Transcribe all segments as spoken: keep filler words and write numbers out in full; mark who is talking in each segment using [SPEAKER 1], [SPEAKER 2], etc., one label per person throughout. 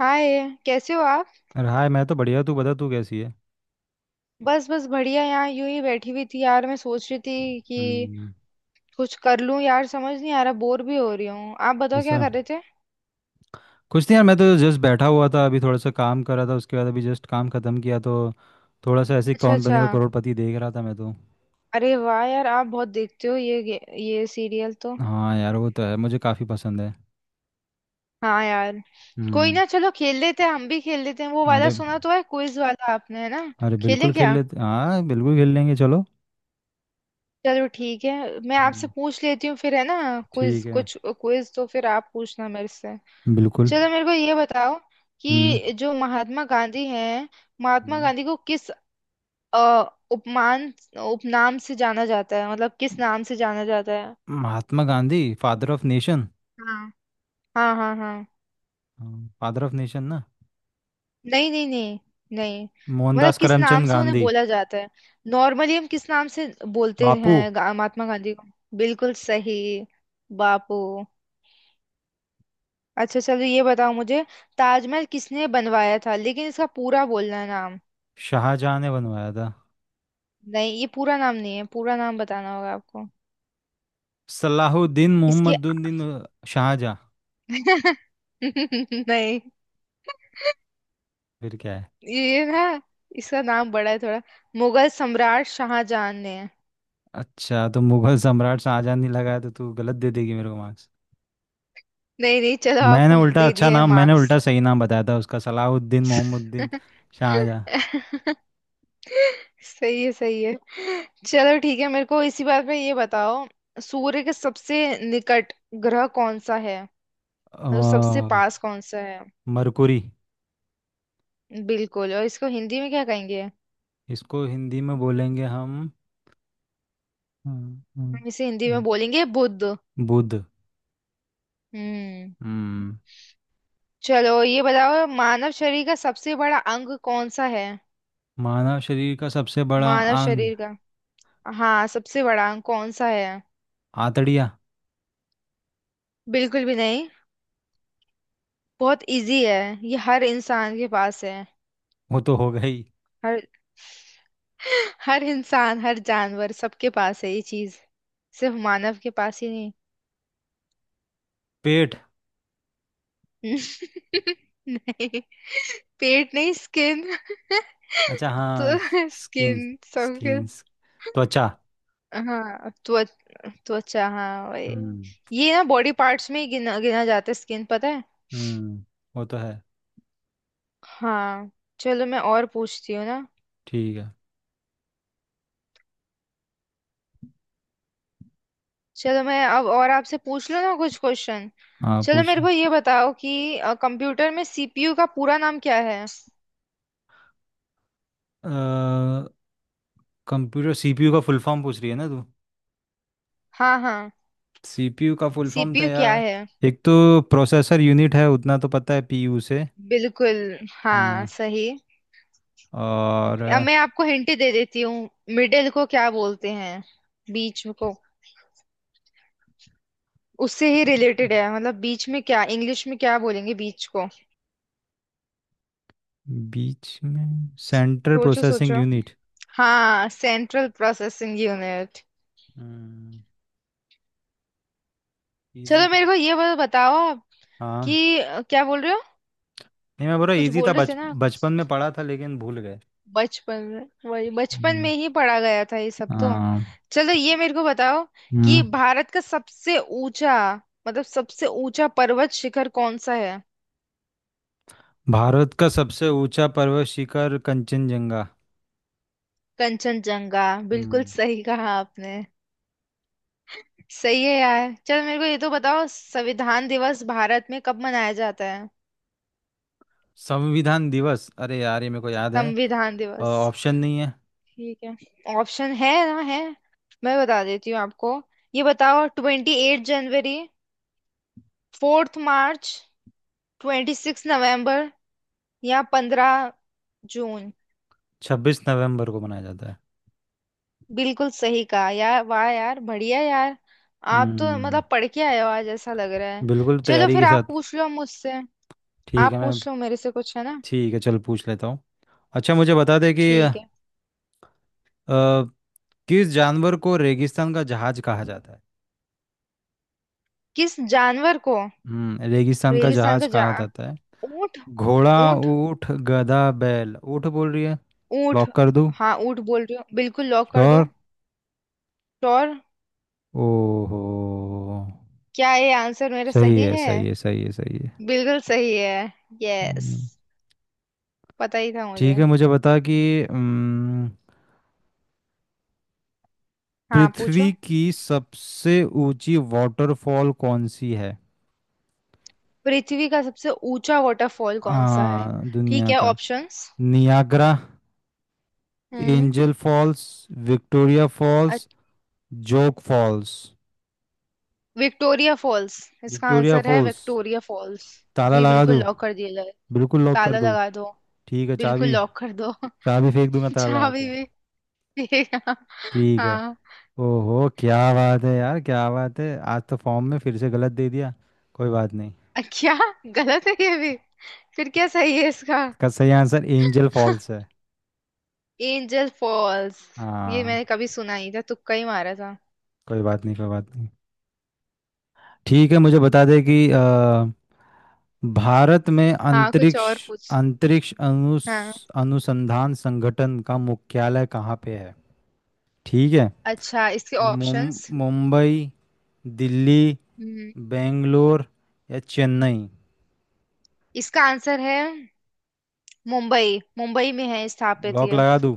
[SPEAKER 1] हाय। कैसे हो आप।
[SPEAKER 2] अरे हाय। मैं तो बढ़िया। तू बता तू कैसी है।
[SPEAKER 1] बस बस बढ़िया। यहाँ यूं ही बैठी हुई थी यार, मैं सोच रही थी कि
[SPEAKER 2] हम्म।
[SPEAKER 1] कुछ कर लूं यार, समझ नहीं आ रहा, बोर भी हो रही हूँ। आप बताओ क्या
[SPEAKER 2] ऐसा
[SPEAKER 1] कर रहे थे।
[SPEAKER 2] कुछ नहीं यार। मैं तो जस्ट बैठा हुआ था, अभी थोड़ा सा काम कर रहा था। उसके बाद अभी जस्ट काम ख़त्म किया तो थोड़ा सा ऐसे ही
[SPEAKER 1] अच्छा
[SPEAKER 2] कौन
[SPEAKER 1] अच्छा।
[SPEAKER 2] बनेगा करोड़पति देख रहा था मैं तो।
[SPEAKER 1] अरे वाह यार, आप बहुत देखते हो ये गे- ये सीरियल तो।
[SPEAKER 2] हाँ यार, वो तो है। मुझे काफ़ी पसंद है।
[SPEAKER 1] हाँ यार। कोई
[SPEAKER 2] हम्म।
[SPEAKER 1] ना, चलो खेल लेते हैं, हम भी खेल लेते हैं। वो वाला
[SPEAKER 2] अरे।
[SPEAKER 1] सुना तो है, क्विज वाला, आपने है ना।
[SPEAKER 2] अरे बिल्कुल
[SPEAKER 1] खेलें
[SPEAKER 2] खेल
[SPEAKER 1] क्या।
[SPEAKER 2] लेते, हाँ बिल्कुल खेल लेंगे चलो।
[SPEAKER 1] चलो ठीक है, मैं आपसे
[SPEAKER 2] हम्म,
[SPEAKER 1] पूछ लेती हूँ फिर, है ना। क्विज,
[SPEAKER 2] ठीक है।
[SPEAKER 1] कुछ क्विज तो फिर आप पूछना मेरे से।
[SPEAKER 2] बिल्कुल।
[SPEAKER 1] चलो मेरे को ये बताओ,
[SPEAKER 2] हम्म,
[SPEAKER 1] कि जो महात्मा गांधी हैं। महात्मा
[SPEAKER 2] हम्म।
[SPEAKER 1] गांधी को किस अ, उपमान उपनाम से जाना जाता है, मतलब किस नाम से जाना जाता है।
[SPEAKER 2] Mahatma Gandhi father of nation.
[SPEAKER 1] हाँ, हाँ, हाँ, हाँ।
[SPEAKER 2] फादर ऑफ नेशन ना?
[SPEAKER 1] नहीं, नहीं, नहीं, नहीं। मतलब
[SPEAKER 2] मोहनदास
[SPEAKER 1] किस नाम
[SPEAKER 2] करमचंद
[SPEAKER 1] से उन्हें
[SPEAKER 2] गांधी।
[SPEAKER 1] बोला जाता है। नॉर्मली हम किस नाम से बोलते
[SPEAKER 2] बापू।
[SPEAKER 1] हैं गा- महात्मा गांधी को। बिल्कुल सही। बापू। अच्छा, चलो ये बताओ मुझे। ताजमहल किसने बनवाया था, लेकिन इसका पूरा बोलना है नाम।
[SPEAKER 2] शाहजहाँ ने बनवाया था।
[SPEAKER 1] नहीं, ये पूरा नाम नहीं है, पूरा नाम बताना होगा आपको।
[SPEAKER 2] सलाहुद्दीन
[SPEAKER 1] इसके।
[SPEAKER 2] मोहम्मदुद्दीन शाहजहाँ।
[SPEAKER 1] नहीं।
[SPEAKER 2] फिर क्या है?
[SPEAKER 1] ये ना, इसका नाम बड़ा है थोड़ा। मुगल सम्राट शाहजहां ने।
[SPEAKER 2] अच्छा, तो मुगल सम्राट शाहजहाँ नहीं लगाया तो तू गलत दे देगी मेरे को मार्क्स।
[SPEAKER 1] नहीं, नहीं, चलो
[SPEAKER 2] मैंने
[SPEAKER 1] आपको
[SPEAKER 2] उल्टा
[SPEAKER 1] दे
[SPEAKER 2] अच्छा
[SPEAKER 1] दिया है
[SPEAKER 2] नाम मैंने
[SPEAKER 1] मार्क्स।
[SPEAKER 2] उल्टा सही नाम बताया था उसका। सलाहुद्दीन मोहम्मदुद्दीन शाहजहाँ।
[SPEAKER 1] सही है, सही है। चलो ठीक है, मेरे को इसी बात पे ये बताओ। सूर्य के सबसे निकट ग्रह कौन सा है, मतलब सबसे
[SPEAKER 2] अ,
[SPEAKER 1] पास कौन सा है।
[SPEAKER 2] मरकुरी।
[SPEAKER 1] बिल्कुल। और इसको हिंदी में क्या कहेंगे।
[SPEAKER 2] इसको हिंदी में बोलेंगे हम। हम्म,
[SPEAKER 1] हम इसे हिंदी में
[SPEAKER 2] हम्म।
[SPEAKER 1] बोलेंगे बुध।
[SPEAKER 2] बुध।
[SPEAKER 1] हम्म।
[SPEAKER 2] हम्म।
[SPEAKER 1] चलो ये बताओ, मानव शरीर का सबसे बड़ा अंग कौन सा है।
[SPEAKER 2] मानव शरीर का सबसे बड़ा
[SPEAKER 1] मानव
[SPEAKER 2] अंग?
[SPEAKER 1] शरीर का, हाँ सबसे बड़ा अंग कौन सा है।
[SPEAKER 2] आतड़िया।
[SPEAKER 1] बिल्कुल भी नहीं। बहुत इजी है। ये हर इंसान के पास है।
[SPEAKER 2] वो तो हो गई।
[SPEAKER 1] हर हर इंसान हर जानवर सबके पास है ये चीज। सिर्फ मानव के पास ही नहीं।
[SPEAKER 2] पेट।
[SPEAKER 1] नहीं। पेट नहीं, स्किन।
[SPEAKER 2] अच्छा,
[SPEAKER 1] तो
[SPEAKER 2] हाँ। स्किन।
[SPEAKER 1] स्किन सबके।
[SPEAKER 2] स्किन। त्वचा।
[SPEAKER 1] हाँ, त्वच त्वचा, हाँ वही।
[SPEAKER 2] हम्म।
[SPEAKER 1] ये ना बॉडी पार्ट्स में ही गिना गिना जाता है स्किन, पता है।
[SPEAKER 2] हम्म, वो तो है।
[SPEAKER 1] हाँ। चलो मैं और पूछती हूँ ना।
[SPEAKER 2] ठीक है।
[SPEAKER 1] चलो मैं अब और आपसे पूछ लूँ ना कुछ क्वेश्चन।
[SPEAKER 2] हाँ,
[SPEAKER 1] चलो
[SPEAKER 2] पूछ
[SPEAKER 1] मेरे
[SPEAKER 2] लो।
[SPEAKER 1] को ये बताओ, कि कंप्यूटर में सीपीयू का पूरा नाम क्या है।
[SPEAKER 2] कंप्यूटर सीपीयू का फुल फॉर्म पूछ रही है ना तू?
[SPEAKER 1] हाँ, हाँ।
[SPEAKER 2] सीपीयू का फुल फॉर्म था
[SPEAKER 1] सीपीयू क्या
[SPEAKER 2] यार।
[SPEAKER 1] है।
[SPEAKER 2] एक तो प्रोसेसर यूनिट है, उतना तो पता है पीयू से।
[SPEAKER 1] बिल्कुल। हाँ
[SPEAKER 2] हाँ।
[SPEAKER 1] सही।
[SPEAKER 2] और
[SPEAKER 1] अब
[SPEAKER 2] अ,
[SPEAKER 1] मैं आपको हिंट दे देती हूँ। मिडिल को क्या बोलते हैं, बीच को। उससे ही रिलेटेड है, मतलब बीच में क्या, इंग्लिश में क्या बोलेंगे बीच को।
[SPEAKER 2] बीच में सेंट्रल
[SPEAKER 1] सोचो
[SPEAKER 2] प्रोसेसिंग
[SPEAKER 1] सोचो।
[SPEAKER 2] यूनिट।
[SPEAKER 1] हाँ, सेंट्रल प्रोसेसिंग यूनिट।
[SPEAKER 2] हम्म इजी
[SPEAKER 1] चलो मेरे
[SPEAKER 2] था।
[SPEAKER 1] को ये बता- बताओ आप।
[SPEAKER 2] हाँ।
[SPEAKER 1] कि अ, क्या बोल रहे हो।
[SPEAKER 2] नहीं, मैं बोल रहा
[SPEAKER 1] कुछ
[SPEAKER 2] इजी था,
[SPEAKER 1] बोल रहे थे
[SPEAKER 2] बच
[SPEAKER 1] ना।
[SPEAKER 2] बचपन में पढ़ा था लेकिन भूल गए।
[SPEAKER 1] बचपन में वही, बचपन में
[SPEAKER 2] हम्म।
[SPEAKER 1] ही पढ़ा गया था ये सब तो।
[SPEAKER 2] हाँ।
[SPEAKER 1] चलो ये मेरे को बताओ, कि
[SPEAKER 2] हम्म।
[SPEAKER 1] भारत का सबसे ऊंचा, मतलब सबसे ऊंचा पर्वत शिखर कौन सा है।
[SPEAKER 2] भारत का सबसे ऊंचा पर्वत शिखर कंचनजंगा।
[SPEAKER 1] कंचनजंगा। बिल्कुल
[SPEAKER 2] हम्म।
[SPEAKER 1] सही कहा आपने। सही है यार, चलो मेरे को ये तो बताओ, संविधान दिवस भारत में कब मनाया जाता है।
[SPEAKER 2] संविधान दिवस! अरे यार, ये मेरे को याद है।
[SPEAKER 1] संविधान दिवस।
[SPEAKER 2] ऑप्शन नहीं है?
[SPEAKER 1] ठीक है, ऑप्शन है ना है। मैं बता देती हूँ आपको। ये बताओ, ट्वेंटी एट जनवरी, फोर्थ मार्च, ट्वेंटी सिक्स नवम्बर, या पंद्रह जून।
[SPEAKER 2] छब्बीस नवंबर को मनाया जाता है।
[SPEAKER 1] बिल्कुल सही कहा यार, वाह यार, बढ़िया यार। आप तो
[SPEAKER 2] हम्म।
[SPEAKER 1] मतलब पढ़ के आए हो आज, ऐसा लग रहा है।
[SPEAKER 2] बिल्कुल,
[SPEAKER 1] चलो
[SPEAKER 2] तैयारी
[SPEAKER 1] फिर
[SPEAKER 2] के
[SPEAKER 1] आप
[SPEAKER 2] साथ।
[SPEAKER 1] पूछ लो मुझसे।
[SPEAKER 2] ठीक
[SPEAKER 1] आप
[SPEAKER 2] है, मैं।
[SPEAKER 1] पूछ लो मेरे से कुछ, है ना।
[SPEAKER 2] ठीक है चल, पूछ लेता हूँ। अच्छा, मुझे बता दे कि अ,
[SPEAKER 1] ठीक है।
[SPEAKER 2] किस जानवर को रेगिस्तान का जहाज कहा जाता है?
[SPEAKER 1] किस जानवर को
[SPEAKER 2] हम्म रेगिस्तान का
[SPEAKER 1] रेगिस्तान
[SPEAKER 2] जहाज
[SPEAKER 1] का जा
[SPEAKER 2] कहा जाता है।
[SPEAKER 1] ऊंट,
[SPEAKER 2] घोड़ा।
[SPEAKER 1] ऊंट,
[SPEAKER 2] ऊंट। गधा, बैल, ऊंट बोल रही है।
[SPEAKER 1] ऊंट।
[SPEAKER 2] लॉक कर दूँ?
[SPEAKER 1] हाँ ऊंट बोल रही हो, बिल्कुल लॉक कर
[SPEAKER 2] श्योर।
[SPEAKER 1] दो। श्योर।
[SPEAKER 2] ओहो।
[SPEAKER 1] क्या ये आंसर मेरा
[SPEAKER 2] सही
[SPEAKER 1] सही
[SPEAKER 2] है,
[SPEAKER 1] है।
[SPEAKER 2] सही है, सही है, सही है।
[SPEAKER 1] बिल्कुल सही है। यस।
[SPEAKER 2] हम्म।
[SPEAKER 1] पता ही था मुझे।
[SPEAKER 2] ठीक है, मुझे बता कि हम्म,
[SPEAKER 1] हाँ पूछो।
[SPEAKER 2] पृथ्वी की सबसे ऊंची वाटरफॉल कौन सी है?
[SPEAKER 1] पृथ्वी का सबसे ऊंचा वाटरफॉल कौन सा है।
[SPEAKER 2] हाँ,
[SPEAKER 1] ठीक
[SPEAKER 2] दुनिया
[SPEAKER 1] है,
[SPEAKER 2] का।
[SPEAKER 1] ऑप्शंस।
[SPEAKER 2] नियाग्रा।
[SPEAKER 1] हम्म।
[SPEAKER 2] Angel Falls. Victoria Falls.
[SPEAKER 1] अच-
[SPEAKER 2] जोग फॉल्स।
[SPEAKER 1] Victoria Falls. इसका
[SPEAKER 2] विक्टोरिया
[SPEAKER 1] आंसर है
[SPEAKER 2] फॉल्स।
[SPEAKER 1] Victoria Falls.
[SPEAKER 2] ताला
[SPEAKER 1] जी
[SPEAKER 2] लगा
[SPEAKER 1] बिल्कुल,
[SPEAKER 2] दूँ?
[SPEAKER 1] लॉक कर दिया जाए।
[SPEAKER 2] बिल्कुल लॉक कर
[SPEAKER 1] ताला
[SPEAKER 2] दूँ।
[SPEAKER 1] लगा दो।
[SPEAKER 2] ठीक है,
[SPEAKER 1] बिल्कुल
[SPEAKER 2] चाबी।
[SPEAKER 1] लॉक कर दो।
[SPEAKER 2] चाबी फेंक दूंगा ताला लगा
[SPEAKER 1] चाबी
[SPEAKER 2] के।
[SPEAKER 1] भी। भी-
[SPEAKER 2] ठीक है।
[SPEAKER 1] हाँ।
[SPEAKER 2] ओहो, क्या बात है यार, क्या बात है! आज तो फॉर्म में फिर से गलत दे दिया। कोई बात नहीं।
[SPEAKER 1] अ, क्या, गलत है ये भी। फिर क्या सही है इसका।
[SPEAKER 2] इसका सही आंसर एंजल फॉल्स है।
[SPEAKER 1] Angel Falls. ये
[SPEAKER 2] हाँ।
[SPEAKER 1] मैंने कभी सुना नहीं था, तुक्का ही मारा था।
[SPEAKER 2] कोई बात नहीं, कोई बात नहीं। ठीक है, मुझे बता दे कि अ, भारत में
[SPEAKER 1] हाँ कुछ
[SPEAKER 2] अंतरिक्ष
[SPEAKER 1] और पूछ।
[SPEAKER 2] अंतरिक्ष अनुस
[SPEAKER 1] हाँ।
[SPEAKER 2] अनुसंधान संगठन का मुख्यालय कहाँ पे है? ठीक है।
[SPEAKER 1] अच्छा, इसके
[SPEAKER 2] मुम-
[SPEAKER 1] ऑप्शंस।
[SPEAKER 2] मुंबई। दिल्ली।
[SPEAKER 1] हम्म।
[SPEAKER 2] बेंगलोर। या चेन्नई।
[SPEAKER 1] इसका आंसर है मुंबई, मुंबई में है स्थापित
[SPEAKER 2] लॉक
[SPEAKER 1] ये।
[SPEAKER 2] लगा दूं?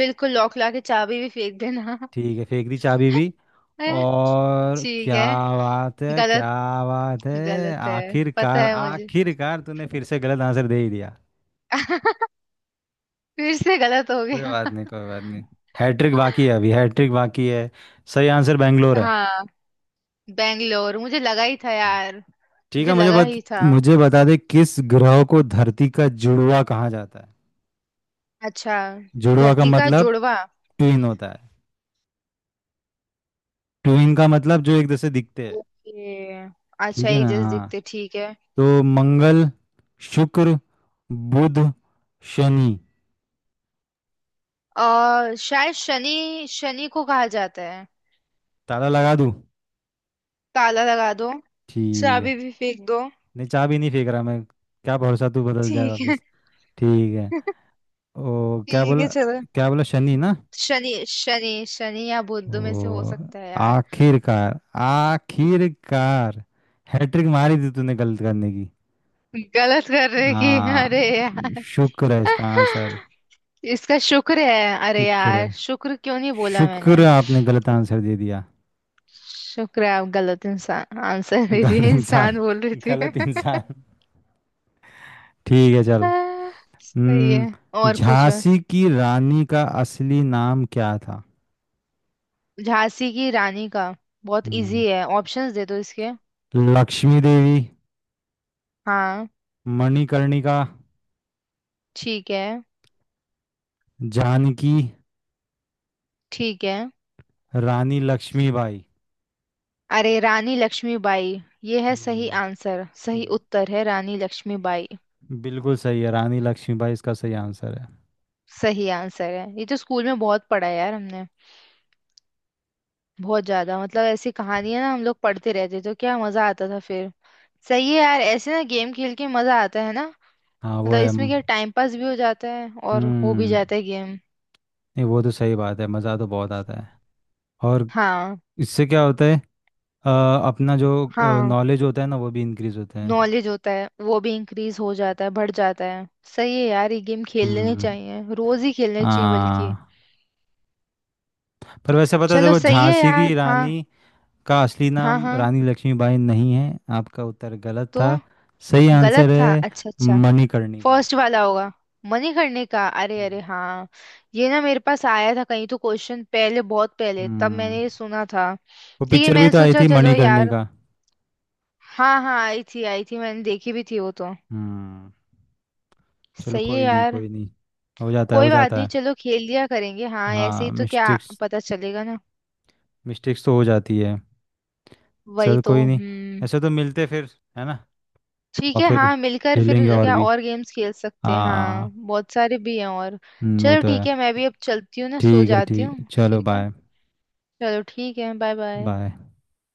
[SPEAKER 1] बिल्कुल लॉक ला के, चाबी भी फेंक देना।
[SPEAKER 2] ठीक है, फेंक दी चाबी भी।
[SPEAKER 1] है?
[SPEAKER 2] और
[SPEAKER 1] ठीक
[SPEAKER 2] क्या
[SPEAKER 1] है।
[SPEAKER 2] बात है, क्या
[SPEAKER 1] गलत।
[SPEAKER 2] बात है!
[SPEAKER 1] गलत है, पता
[SPEAKER 2] आखिरकार,
[SPEAKER 1] है मुझे।
[SPEAKER 2] आखिरकार तूने फिर से गलत आंसर दे ही दिया।
[SPEAKER 1] फिर से गलत हो
[SPEAKER 2] कोई
[SPEAKER 1] गया।
[SPEAKER 2] बात नहीं, कोई बात नहीं। हैट्रिक बाकी है, अभी हैट्रिक बाकी है। सही आंसर बैंगलोर है।
[SPEAKER 1] हाँ। बेंगलोर मुझे लगा ही था यार,
[SPEAKER 2] ठीक
[SPEAKER 1] मुझे
[SPEAKER 2] है, मुझे
[SPEAKER 1] लगा
[SPEAKER 2] बत,
[SPEAKER 1] ही था।
[SPEAKER 2] मुझे बता दे किस ग्रह को धरती का जुड़वा कहा जाता है?
[SPEAKER 1] अच्छा।
[SPEAKER 2] जुड़वा का
[SPEAKER 1] धरती का
[SPEAKER 2] मतलब
[SPEAKER 1] जुड़वा।
[SPEAKER 2] ट्विन होता है। ट्विन का मतलब जो एक दूसरे दिखते हैं।
[SPEAKER 1] ओके। अच्छा,
[SPEAKER 2] ठीक है
[SPEAKER 1] एक
[SPEAKER 2] ना,
[SPEAKER 1] जैसे
[SPEAKER 2] हाँ।
[SPEAKER 1] दिखते, ठीक है।
[SPEAKER 2] तो मंगल। शुक्र। बुध। शनि।
[SPEAKER 1] आ, शायद शनि, शनि को कहा जाता है।
[SPEAKER 2] ताला लगा दूं?
[SPEAKER 1] ताला लगा दो।
[SPEAKER 2] ठीक है।
[SPEAKER 1] चाबी भी फेंक दो।
[SPEAKER 2] नहीं, चाबी नहीं फेंक रहा मैं। क्या भरोसा, तू बदल जाए
[SPEAKER 1] ठीक है।
[SPEAKER 2] वापस। ठीक है। ओ, क्या
[SPEAKER 1] ठीक
[SPEAKER 2] बोला?
[SPEAKER 1] है, चलो।
[SPEAKER 2] क्या बोला, शनि ना?
[SPEAKER 1] शनि, शनि, शनि या बुध में से हो
[SPEAKER 2] ओ।
[SPEAKER 1] सकता है यार।
[SPEAKER 2] आखिरकार। आखिरकार। हैट्रिक मारी थी तूने गलत करने की।
[SPEAKER 1] गलत कर रहे कि, अरे
[SPEAKER 2] हाँ।
[SPEAKER 1] यार।
[SPEAKER 2] शुक्र है इसका आंसर।
[SPEAKER 1] इसका शुक्र है, अरे
[SPEAKER 2] शुक्र
[SPEAKER 1] यार,
[SPEAKER 2] है।
[SPEAKER 1] शुक्र क्यों नहीं बोला मैंने।
[SPEAKER 2] शुक्र है आपने गलत आंसर दे दिया।
[SPEAKER 1] शुक्र है आप गलत इंसान आंसर दे दिए,
[SPEAKER 2] गलत इंसान।
[SPEAKER 1] इंसान बोल रही थी।
[SPEAKER 2] गलत इंसान। ठीक है चल।
[SPEAKER 1] सही है।
[SPEAKER 2] हम्म
[SPEAKER 1] और पूछो।
[SPEAKER 2] झांसी की रानी का असली नाम क्या था?
[SPEAKER 1] झांसी की रानी का। बहुत
[SPEAKER 2] हम्म।
[SPEAKER 1] इजी है, ऑप्शंस दे दो इसके।
[SPEAKER 2] लक्ष्मी देवी।
[SPEAKER 1] हाँ।
[SPEAKER 2] मणिकर्णिका।
[SPEAKER 1] ठीक है।
[SPEAKER 2] जानकी।
[SPEAKER 1] ठीक है।
[SPEAKER 2] रानी लक्ष्मीबाई।
[SPEAKER 1] अरे, रानी लक्ष्मीबाई। ये है सही
[SPEAKER 2] हम्म।
[SPEAKER 1] आंसर, सही उत्तर है रानी लक्ष्मीबाई।
[SPEAKER 2] बिल्कुल सही है, रानी लक्ष्मीबाई इसका सही आंसर है।
[SPEAKER 1] सही आंसर है, ये तो स्कूल में बहुत पढ़ा है यार हमने। बहुत ज्यादा, मतलब ऐसी कहानियां ना हम लोग पढ़ते रहते तो क्या मजा आता था फिर। सही है यार, ऐसे ना गेम खेल के मजा आता है ना।
[SPEAKER 2] हाँ, वो
[SPEAKER 1] मतलब
[SPEAKER 2] है,
[SPEAKER 1] इसमें
[SPEAKER 2] हम्म।
[SPEAKER 1] क्या टाइम पास भी हो जाता है, और हो भी जाता है गेम।
[SPEAKER 2] नहीं, वो तो सही बात है, मज़ा तो बहुत आता है। और।
[SPEAKER 1] हाँ।
[SPEAKER 2] इससे क्या होता है? अ, अपना जो
[SPEAKER 1] हाँ।
[SPEAKER 2] नॉलेज होता है ना, वो भी इंक्रीज होता है।
[SPEAKER 1] नॉलेज होता है वो भी इंक्रीज हो जाता है, बढ़ जाता है। सही है यार, ये गेम खेल लेने
[SPEAKER 2] हम्म।
[SPEAKER 1] चाहिए, रोज ही खेलने चाहिए बल्कि।
[SPEAKER 2] हाँ, पर वैसे पता है,
[SPEAKER 1] चलो
[SPEAKER 2] देखो
[SPEAKER 1] सही है
[SPEAKER 2] झांसी
[SPEAKER 1] यार,
[SPEAKER 2] की
[SPEAKER 1] हाँ।
[SPEAKER 2] रानी का असली
[SPEAKER 1] हाँ,
[SPEAKER 2] नाम
[SPEAKER 1] हाँ
[SPEAKER 2] रानी लक्ष्मीबाई नहीं है। आपका उत्तर गलत
[SPEAKER 1] तो।
[SPEAKER 2] था। सही आंसर
[SPEAKER 1] गलत था,
[SPEAKER 2] है
[SPEAKER 1] अच्छा, अच्छा।
[SPEAKER 2] मणिकर्णिका।
[SPEAKER 1] फर्स्ट वाला होगा। मनी करने का, अरे,
[SPEAKER 2] हम्म।
[SPEAKER 1] अरे हाँ। ये ना मेरे पास आया था कहीं तो क्वेश्चन पहले, बहुत पहले, तब
[SPEAKER 2] हम्म,
[SPEAKER 1] मैंने ये सुना था।
[SPEAKER 2] वो
[SPEAKER 1] लेकिन
[SPEAKER 2] पिक्चर भी
[SPEAKER 1] मैंने
[SPEAKER 2] तो आई
[SPEAKER 1] सोचा
[SPEAKER 2] थी
[SPEAKER 1] चलो यार।
[SPEAKER 2] मणिकर्णिका।
[SPEAKER 1] हाँ, हाँ, आई थी, आई थी, मैंने देखी भी थी वो तो।
[SPEAKER 2] हम्म। चलो
[SPEAKER 1] सही है
[SPEAKER 2] कोई नहीं,
[SPEAKER 1] यार।
[SPEAKER 2] कोई नहीं। हो जाता है, हो
[SPEAKER 1] कोई बात
[SPEAKER 2] जाता
[SPEAKER 1] नहीं,
[SPEAKER 2] है।
[SPEAKER 1] चलो खेल लिया करेंगे, हाँ ऐसे ही
[SPEAKER 2] हाँ,
[SPEAKER 1] तो क्या
[SPEAKER 2] मिस्टेक्स।
[SPEAKER 1] पता चलेगा ना।
[SPEAKER 2] मिस्टेक्स तो हो जाती है।
[SPEAKER 1] वही
[SPEAKER 2] चल
[SPEAKER 1] तो,
[SPEAKER 2] कोई नहीं।
[SPEAKER 1] हम्म।
[SPEAKER 2] ऐसे तो मिलते फिर। है ना?
[SPEAKER 1] ठीक
[SPEAKER 2] और
[SPEAKER 1] है,
[SPEAKER 2] फिर
[SPEAKER 1] हाँ मिलकर फिर
[SPEAKER 2] खेलेंगे और
[SPEAKER 1] क्या
[SPEAKER 2] भी।
[SPEAKER 1] और गेम्स खेल सकते हैं, हाँ
[SPEAKER 2] हाँ।
[SPEAKER 1] बहुत सारे भी हैं और।
[SPEAKER 2] हम्म, वो
[SPEAKER 1] चलो
[SPEAKER 2] तो है।
[SPEAKER 1] ठीक है, मैं भी अब चलती हूँ ना, सो
[SPEAKER 2] ठीक है
[SPEAKER 1] जाती
[SPEAKER 2] ठीक,
[SPEAKER 1] हूँ
[SPEAKER 2] चलो
[SPEAKER 1] फिर क्या।
[SPEAKER 2] बाय।
[SPEAKER 1] चलो ठीक है, बाय बाय।
[SPEAKER 2] बाय।